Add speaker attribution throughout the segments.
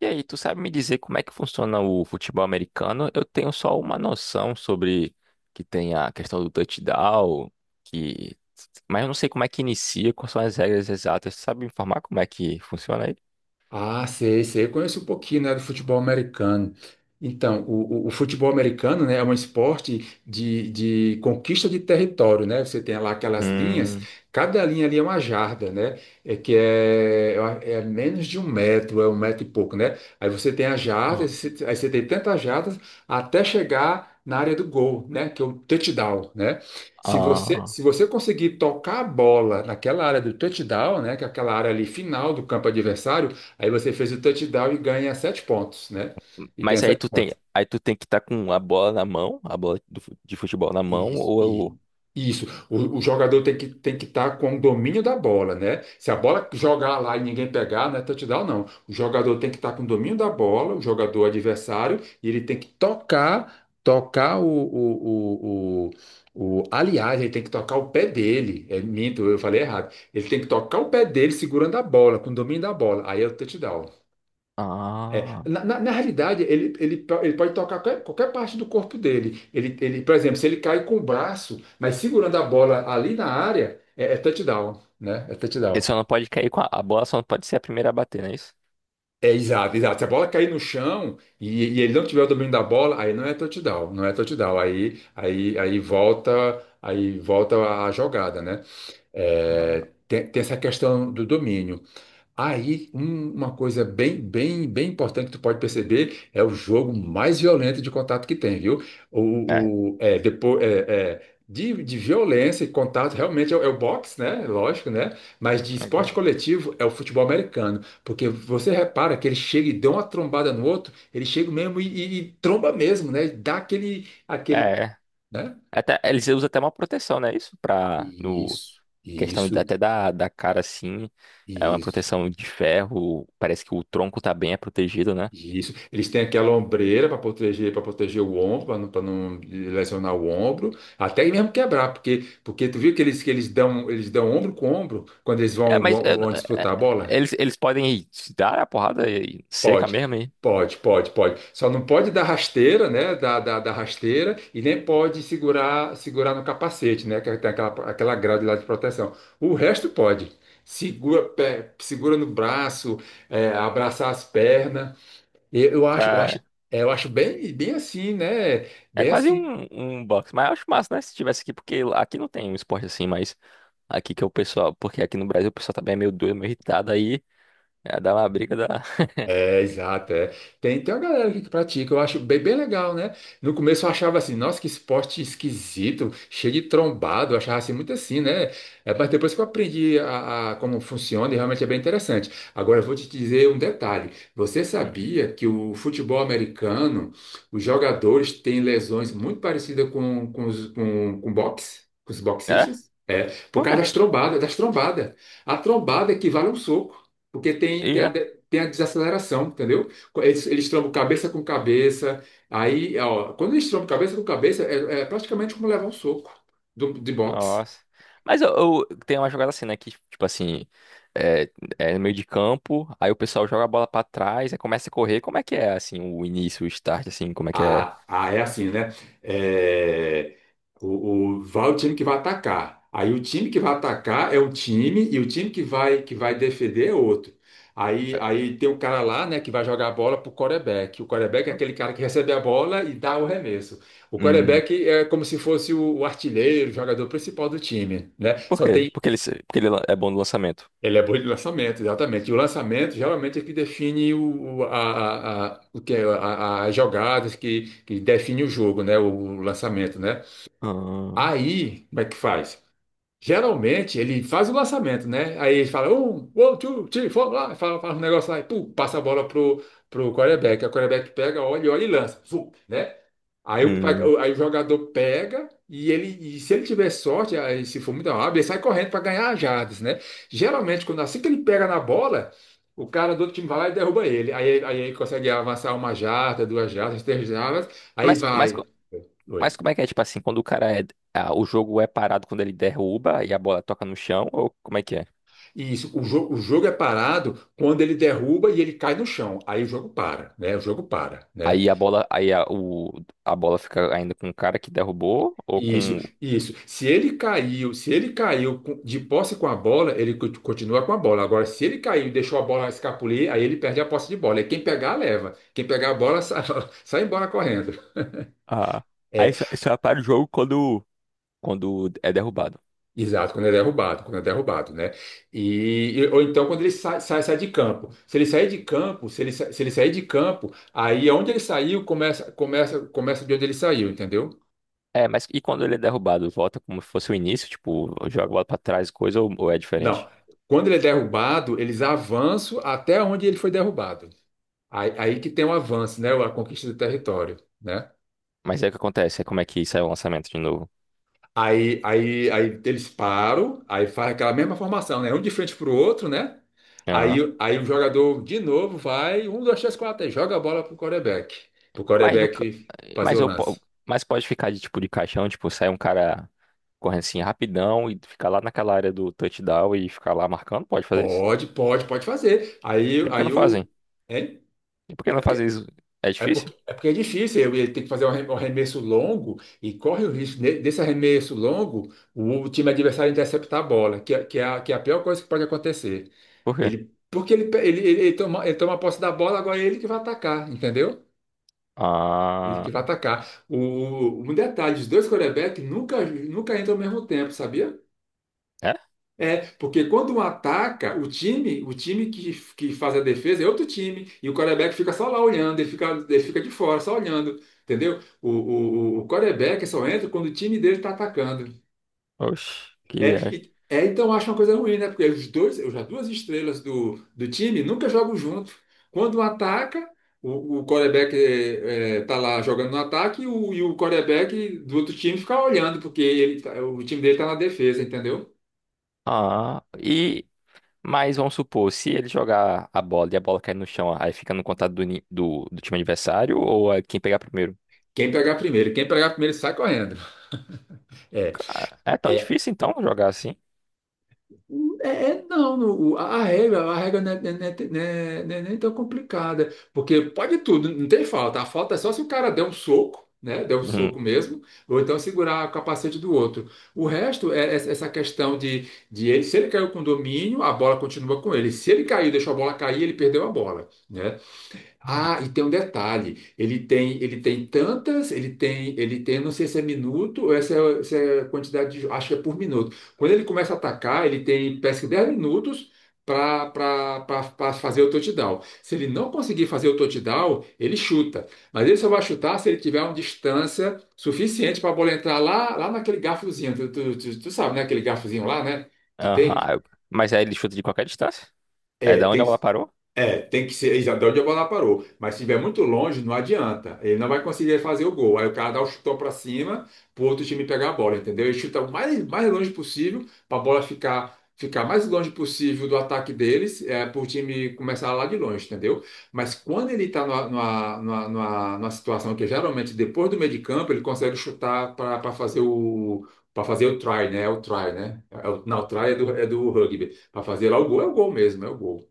Speaker 1: E aí, tu sabe me dizer como é que funciona o futebol americano? Eu tenho só uma noção sobre que tem a questão do touchdown, que... mas eu não sei como é que inicia, quais são as regras exatas. Tu sabe me informar como é que funciona aí?
Speaker 2: Ah, sei, sei. Eu conheço um pouquinho, né, do futebol americano. Então, o futebol americano, né, é um esporte de conquista de território, né? Você tem lá aquelas linhas,
Speaker 1: Hum.
Speaker 2: cada linha ali é uma jarda, né? É que é, é menos de um metro, é um metro e pouco, né? Aí você tem as
Speaker 1: Ó.
Speaker 2: jardas, aí você tem tantas jardas até chegar na área do gol, né? Que é o touchdown, né? Se você,
Speaker 1: Ah,
Speaker 2: se você conseguir tocar a bola naquela área do touchdown, né? Que é aquela área ali final do campo adversário. Aí você fez o touchdown e ganha 7 pontos, né? E ganha
Speaker 1: mas aí
Speaker 2: sete
Speaker 1: tu tem,
Speaker 2: pontos.
Speaker 1: aí tu tem que estar com a bola na mão, a bola de futebol na mão,
Speaker 2: E, e
Speaker 1: eu,
Speaker 2: isso, o jogador tem que estar com o domínio da bola, né? Se a bola jogar lá e ninguém pegar, não é touchdown, não. O jogador tem que estar com o domínio da bola, o jogador adversário, e ele tem que tocar aliás, ele tem que tocar o pé dele. É minto, eu falei errado. Ele tem que tocar o pé dele segurando a bola, com o domínio da bola. Aí é o touchdown. É,
Speaker 1: ah,
Speaker 2: na realidade, ele pode tocar qualquer parte do corpo dele. Por exemplo, se ele cai com o braço, mas segurando a bola ali na área, é touchdown, né? É
Speaker 1: ele
Speaker 2: touchdown.
Speaker 1: só não pode cair com a bola, só não pode ser a primeira a bater, não é isso?
Speaker 2: É, exato, exato. Se a bola cair no chão e ele não tiver o domínio da bola, aí não é touchdown, não é touchdown. Aí volta a jogada, né?
Speaker 1: Ah,
Speaker 2: É, tem essa questão do domínio. Aí, uma coisa bem, bem, bem importante que tu pode perceber é o jogo mais violento de contato que tem, viu?
Speaker 1: é,
Speaker 2: Depois, de violência e contato realmente é o boxe, né? Lógico, né? Mas de esporte
Speaker 1: agora.
Speaker 2: coletivo é o futebol americano, porque você repara que ele chega e dá uma trombada no outro, ele chega mesmo e tromba mesmo, né? E dá aquele, aquele,
Speaker 1: É.
Speaker 2: né?
Speaker 1: Até, eles usam até uma proteção, né? Isso pra, no,
Speaker 2: Isso, isso,
Speaker 1: até da cara, assim, é uma
Speaker 2: isso.
Speaker 1: proteção de ferro, parece que o tronco tá bem é protegido, né?
Speaker 2: Isso. Eles têm aquela ombreira para proteger o ombro, para não, pra não lesionar o ombro, até mesmo quebrar, porque tu viu que eles dão ombro com ombro quando eles
Speaker 1: É,
Speaker 2: vão,
Speaker 1: mas
Speaker 2: vão,
Speaker 1: eu
Speaker 2: vão
Speaker 1: é, é,
Speaker 2: disputar a bola?
Speaker 1: eles podem se dar a porrada seca
Speaker 2: Pode,
Speaker 1: mesmo aí.
Speaker 2: pode, pode, pode. Só não pode dar rasteira, né? Da rasteira e nem pode segurar no capacete, né? Que tem aquela grade lá de proteção. O resto pode. Segura, segura no braço, abraçar as pernas. Eu acho, eu acho,
Speaker 1: Cara,
Speaker 2: eu acho bem, bem assim, né?
Speaker 1: é
Speaker 2: Bem
Speaker 1: quase
Speaker 2: assim.
Speaker 1: um boxe, mas eu acho massa, né? Se tivesse aqui, porque aqui não tem um esporte assim, mas aqui que é o pessoal, porque aqui no Brasil o pessoal também é meio doido, meio irritado, aí é, dá uma briga.
Speaker 2: É, exato, é. Tem uma galera aqui que pratica, eu acho bem, bem legal, né? No começo eu achava assim, nossa, que esporte esquisito, cheio de trombado, eu achava assim muito assim, né? É, mas depois que eu aprendi a como funciona, e realmente é bem interessante. Agora eu vou te dizer um detalhe. Você
Speaker 1: Hum.
Speaker 2: sabia que o futebol americano, os jogadores têm lesões muito parecidas com boxe, com os
Speaker 1: É?
Speaker 2: boxistas? É, por
Speaker 1: Por
Speaker 2: causa
Speaker 1: quê?
Speaker 2: das trombadas, das trombadas. A trombada equivale a um soco. Porque tem,
Speaker 1: E
Speaker 2: tem a,
Speaker 1: é?
Speaker 2: tem a desaceleração, entendeu? Eles trombam cabeça com cabeça. Aí, ó, quando eles trombam cabeça com cabeça, é praticamente como levar um soco de boxe.
Speaker 1: Nossa. Mas eu, Tem uma jogada assim, né? Que, tipo assim, é, é no meio de campo, aí o pessoal joga a bola pra trás, aí começa a correr. Como é que é, assim, o início, o start, assim, como é que é?
Speaker 2: Ah, ah, é assim, né? É, vai o time que vai atacar. Aí o time que vai atacar é um time e o time que vai defender é outro. Aí tem um cara lá, né, que vai jogar a bola pro quarterback. O quarterback é aquele cara que recebe a bola e dá o remesso. O
Speaker 1: Hum,
Speaker 2: quarterback é como se fosse o artilheiro, o jogador principal do time, né?
Speaker 1: por
Speaker 2: Só
Speaker 1: quê?
Speaker 2: tem
Speaker 1: Porque ele é bom no lançamento.
Speaker 2: ele é bom de lançamento, exatamente. E o lançamento geralmente é que define o que é, a- as jogadas que define o jogo, né? O lançamento, né?
Speaker 1: Ah,
Speaker 2: Aí, como é que faz? Geralmente ele faz o lançamento, né? Aí ele fala um, one, two, three, four, lá, fala um negócio lá e pum, passa a bola pro quarterback. Aí o quarterback pega, olha, olha e lança, zum, né? Aí o, pa-
Speaker 1: hum.
Speaker 2: o- aí o jogador pega e se ele tiver sorte, aí se for muito rápido, ele sai correndo para ganhar as jardas, né? Geralmente, quando assim que ele pega na bola, o cara do outro time vai lá e derruba ele. Aí ele consegue avançar uma jarda, 2 jardas, 3 jardas, aí
Speaker 1: Mas, co- mas,
Speaker 2: vai.
Speaker 1: co- mas como é que é, tipo assim, quando o cara é. Ah, o jogo é parado quando ele derruba e a bola toca no chão, ou como é que é?
Speaker 2: Isso. O jogo é parado quando ele derruba e ele cai no chão. Aí o jogo para, né? O jogo para, né?
Speaker 1: Aí a bola, aí a, o, A bola fica ainda com o cara que derrubou, ou
Speaker 2: Isso,
Speaker 1: com.
Speaker 2: isso. Se ele caiu de posse com a bola, ele continua com a bola. Agora, se ele caiu e deixou a bola escapulir, aí ele perde a posse de bola. E quem pegar, leva. Quem pegar a bola, sai, sai embora correndo.
Speaker 1: Ah,
Speaker 2: É,
Speaker 1: aí só para o jogo quando é derrubado.
Speaker 2: exato, quando é derrubado, né? Ou então quando ele sai de campo. Se ele sair de campo, se ele, sa- se ele sair de campo, aí é onde ele saiu começa de onde ele saiu, entendeu?
Speaker 1: É, mas e quando ele é derrubado? Volta como se fosse o início? Tipo, joga a bola pra trás e coisa ou é
Speaker 2: Não.
Speaker 1: diferente?
Speaker 2: Quando ele é derrubado, eles avançam até onde ele foi derrubado. Aí que tem o avanço, né? A conquista do território, né?
Speaker 1: Mas aí o que acontece? É como é que sai o lançamento de novo?
Speaker 2: Aí eles param, aí faz aquela mesma formação, né? Um de frente pro outro, né?
Speaker 1: Ah,
Speaker 2: Aí o jogador de novo vai, um, dois, três, quatro, aí joga a bola pro
Speaker 1: mas, no, ca-
Speaker 2: quarterback fazer o
Speaker 1: mas, eu,
Speaker 2: lance.
Speaker 1: po- mas pode ficar de tipo de caixão, tipo, sai um cara correndo assim rapidão e ficar lá naquela área do touchdown e ficar lá marcando? Pode fazer isso?
Speaker 2: Pode, pode, pode fazer. Aí,
Speaker 1: E por que não
Speaker 2: aí o.
Speaker 1: fazem?
Speaker 2: Hein?
Speaker 1: E por que
Speaker 2: É
Speaker 1: não fazer
Speaker 2: porque,
Speaker 1: isso? É
Speaker 2: é
Speaker 1: difícil?
Speaker 2: porque, é porque é difícil, ele tem que fazer um arremesso longo e corre o risco desse arremesso longo o time adversário interceptar a bola, que é a pior coisa que pode acontecer.
Speaker 1: Por quê?
Speaker 2: Ele, porque ele, ele toma posse da bola, agora é ele que vai atacar, entendeu? Ele que
Speaker 1: Ah,
Speaker 2: vai atacar. Um detalhe, os dois quarterbacks nunca, nunca entram ao mesmo tempo, sabia?
Speaker 1: é?
Speaker 2: É, porque quando um ataca, o time que faz a defesa é outro time, e o quarterback fica só lá olhando, ele fica de fora, só olhando, entendeu? O quarterback só entra quando o time dele está atacando.
Speaker 1: Oxe, que
Speaker 2: É,
Speaker 1: viagem.
Speaker 2: e- é, então eu acho uma coisa ruim, né? Porque as duas estrelas do time nunca jogam junto. Quando um ataca, o quarterback tá lá jogando no ataque e o quarterback do outro time fica olhando, porque o time dele tá na defesa, entendeu?
Speaker 1: Ah, mas vamos supor, se ele jogar a bola e a bola cair no chão, aí fica no contato do time adversário ou é quem pegar primeiro?
Speaker 2: Quem pegar primeiro sai correndo. É,
Speaker 1: Ah, é tão
Speaker 2: é,
Speaker 1: difícil então jogar assim?
Speaker 2: Não, a regra não é nem tão complicada, porque pode tudo, não tem falta. A falta é só se o cara der um soco, né? Der um
Speaker 1: Uhum.
Speaker 2: soco mesmo, ou então segurar o capacete do outro. O resto é essa questão de se ele caiu com domínio, a bola continua com ele. Se ele caiu e deixou a bola cair, ele perdeu a bola, né? Ah, e tem um detalhe, ele tem, não sei se é minuto ou se é quantidade acho que é por minuto. Quando ele começa a atacar, ele tem, parece que 10 minutos para fazer o touchdown. Se ele não conseguir fazer o touchdown, ele chuta. Mas ele só vai chutar se ele tiver uma distância suficiente para a bola entrar lá, lá naquele garfozinho. Tu sabe, né? Aquele garfozinho lá, né? Que
Speaker 1: Aham.
Speaker 2: tem.
Speaker 1: Mas aí ele chuta de qualquer distância? É
Speaker 2: É,
Speaker 1: da onde
Speaker 2: tem
Speaker 1: a bola parou?
Speaker 2: tem que ser já de onde a bola parou. Mas se estiver muito longe, não adianta. Ele não vai conseguir fazer o gol. Aí o cara dá o chutão para cima pro outro time pegar a bola, entendeu? Ele chuta o mais, mais longe possível para a bola ficar mais longe possível do ataque deles, para o time começar lá de longe, entendeu? Mas quando ele está numa situação que geralmente depois do meio de campo ele consegue chutar para fazer o. Para fazer o try, né? É o try, né? Não, o try é do rugby. Para fazer lá o gol, é o gol mesmo, é o gol,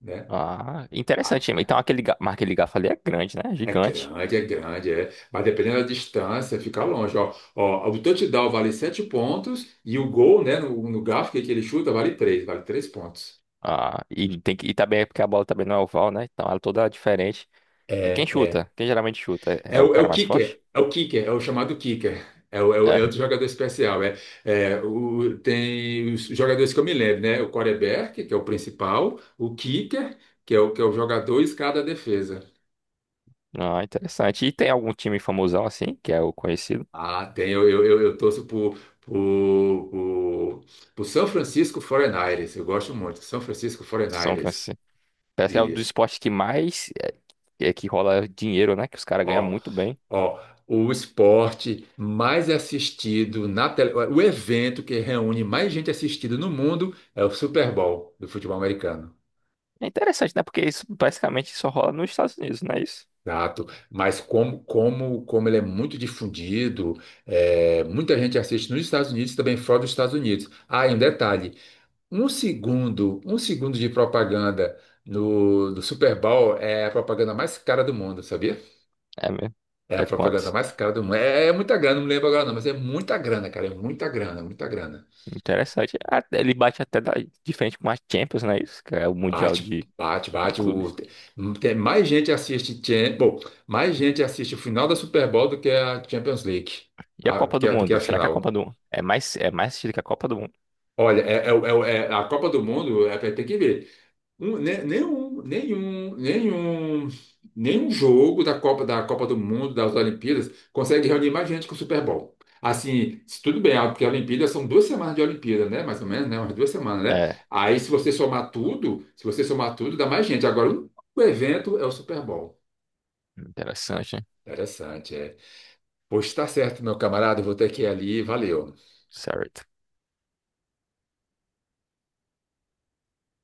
Speaker 2: né?
Speaker 1: Ah, interessante. Então aquele, ga- mas aquele garfo ali é grande, né?
Speaker 2: É
Speaker 1: Gigante.
Speaker 2: grande, é grande, é. Mas dependendo da distância, fica longe. Ó, ó, o touchdown vale 7 pontos e o gol, né, no gráfico que ele chuta, vale 3, vale 3 pontos.
Speaker 1: Ah, e também é porque a bola também não é oval, né? Então ela é toda diferente.
Speaker 2: É,
Speaker 1: E quem
Speaker 2: é.
Speaker 1: chuta? Quem geralmente chuta? É
Speaker 2: É
Speaker 1: o
Speaker 2: o, é
Speaker 1: cara
Speaker 2: o
Speaker 1: mais forte?
Speaker 2: kicker, é o kicker, é o chamado kicker. É
Speaker 1: É.
Speaker 2: outro jogador especial. Tem os jogadores que eu me lembro, né? O quarterback, que é o principal, o kicker, que é o jogador e cada defesa.
Speaker 1: Ah, interessante. E tem algum time famosão assim, que é o conhecido?
Speaker 2: Ah, tem. Eu torço pro, pro, pro São Francisco 49ers. Eu gosto muito. São Francisco
Speaker 1: São
Speaker 2: 49ers.
Speaker 1: Francisco. Parece que é o do
Speaker 2: Isso.
Speaker 1: esporte que mais é que rola dinheiro, né? Que os caras ganham
Speaker 2: Ó,
Speaker 1: muito bem.
Speaker 2: ó. O esporte mais assistido na tele... O evento que reúne mais gente assistida no mundo é o Super Bowl do futebol americano.
Speaker 1: É interessante, né? Porque isso basicamente só rola nos Estados Unidos, não é isso?
Speaker 2: Exato. Mas como ele é muito difundido, muita gente assiste nos Estados Unidos, e também fora dos Estados Unidos. Ah, e um detalhe. Um segundo de propaganda no, do Super Bowl é a propaganda mais cara do mundo, sabia?
Speaker 1: É mesmo.
Speaker 2: É a
Speaker 1: É
Speaker 2: propaganda
Speaker 1: quanto?
Speaker 2: mais cara do mundo. É muita grana, não lembro agora não, mas é muita grana, cara, é muita grana, muita grana.
Speaker 1: Interessante. Ah, ele bate até de frente com a Champions, não é isso? Que é o Mundial
Speaker 2: Bate,
Speaker 1: de,
Speaker 2: bate,
Speaker 1: de
Speaker 2: bate. O,
Speaker 1: Clubes.
Speaker 2: tem, mais gente assiste, mais gente assiste o final da Super Bowl do que a Champions League,
Speaker 1: E a Copa do
Speaker 2: do que
Speaker 1: Mundo?
Speaker 2: a
Speaker 1: Será que a
Speaker 2: final.
Speaker 1: Copa do Mundo é mais assistida que a Copa do Mundo?
Speaker 2: Olha, a Copa do Mundo é, vai ter que ver. Um- ne- nenhum, nenhum, nenhum, nenhum jogo da Copa do Mundo, das Olimpíadas, consegue reunir mais gente que o Super Bowl. Assim, se tudo bem, porque a Olimpíada são 2 semanas de Olimpíada, né? Mais ou menos, né? Umas 2 semanas, né?
Speaker 1: É,
Speaker 2: Aí, se você somar tudo, dá mais gente. Agora, o único evento é o Super Bowl.
Speaker 1: interessante, hein?
Speaker 2: Interessante, é. Pois tá certo, meu camarada, eu vou ter que ir ali. Valeu.
Speaker 1: Certo.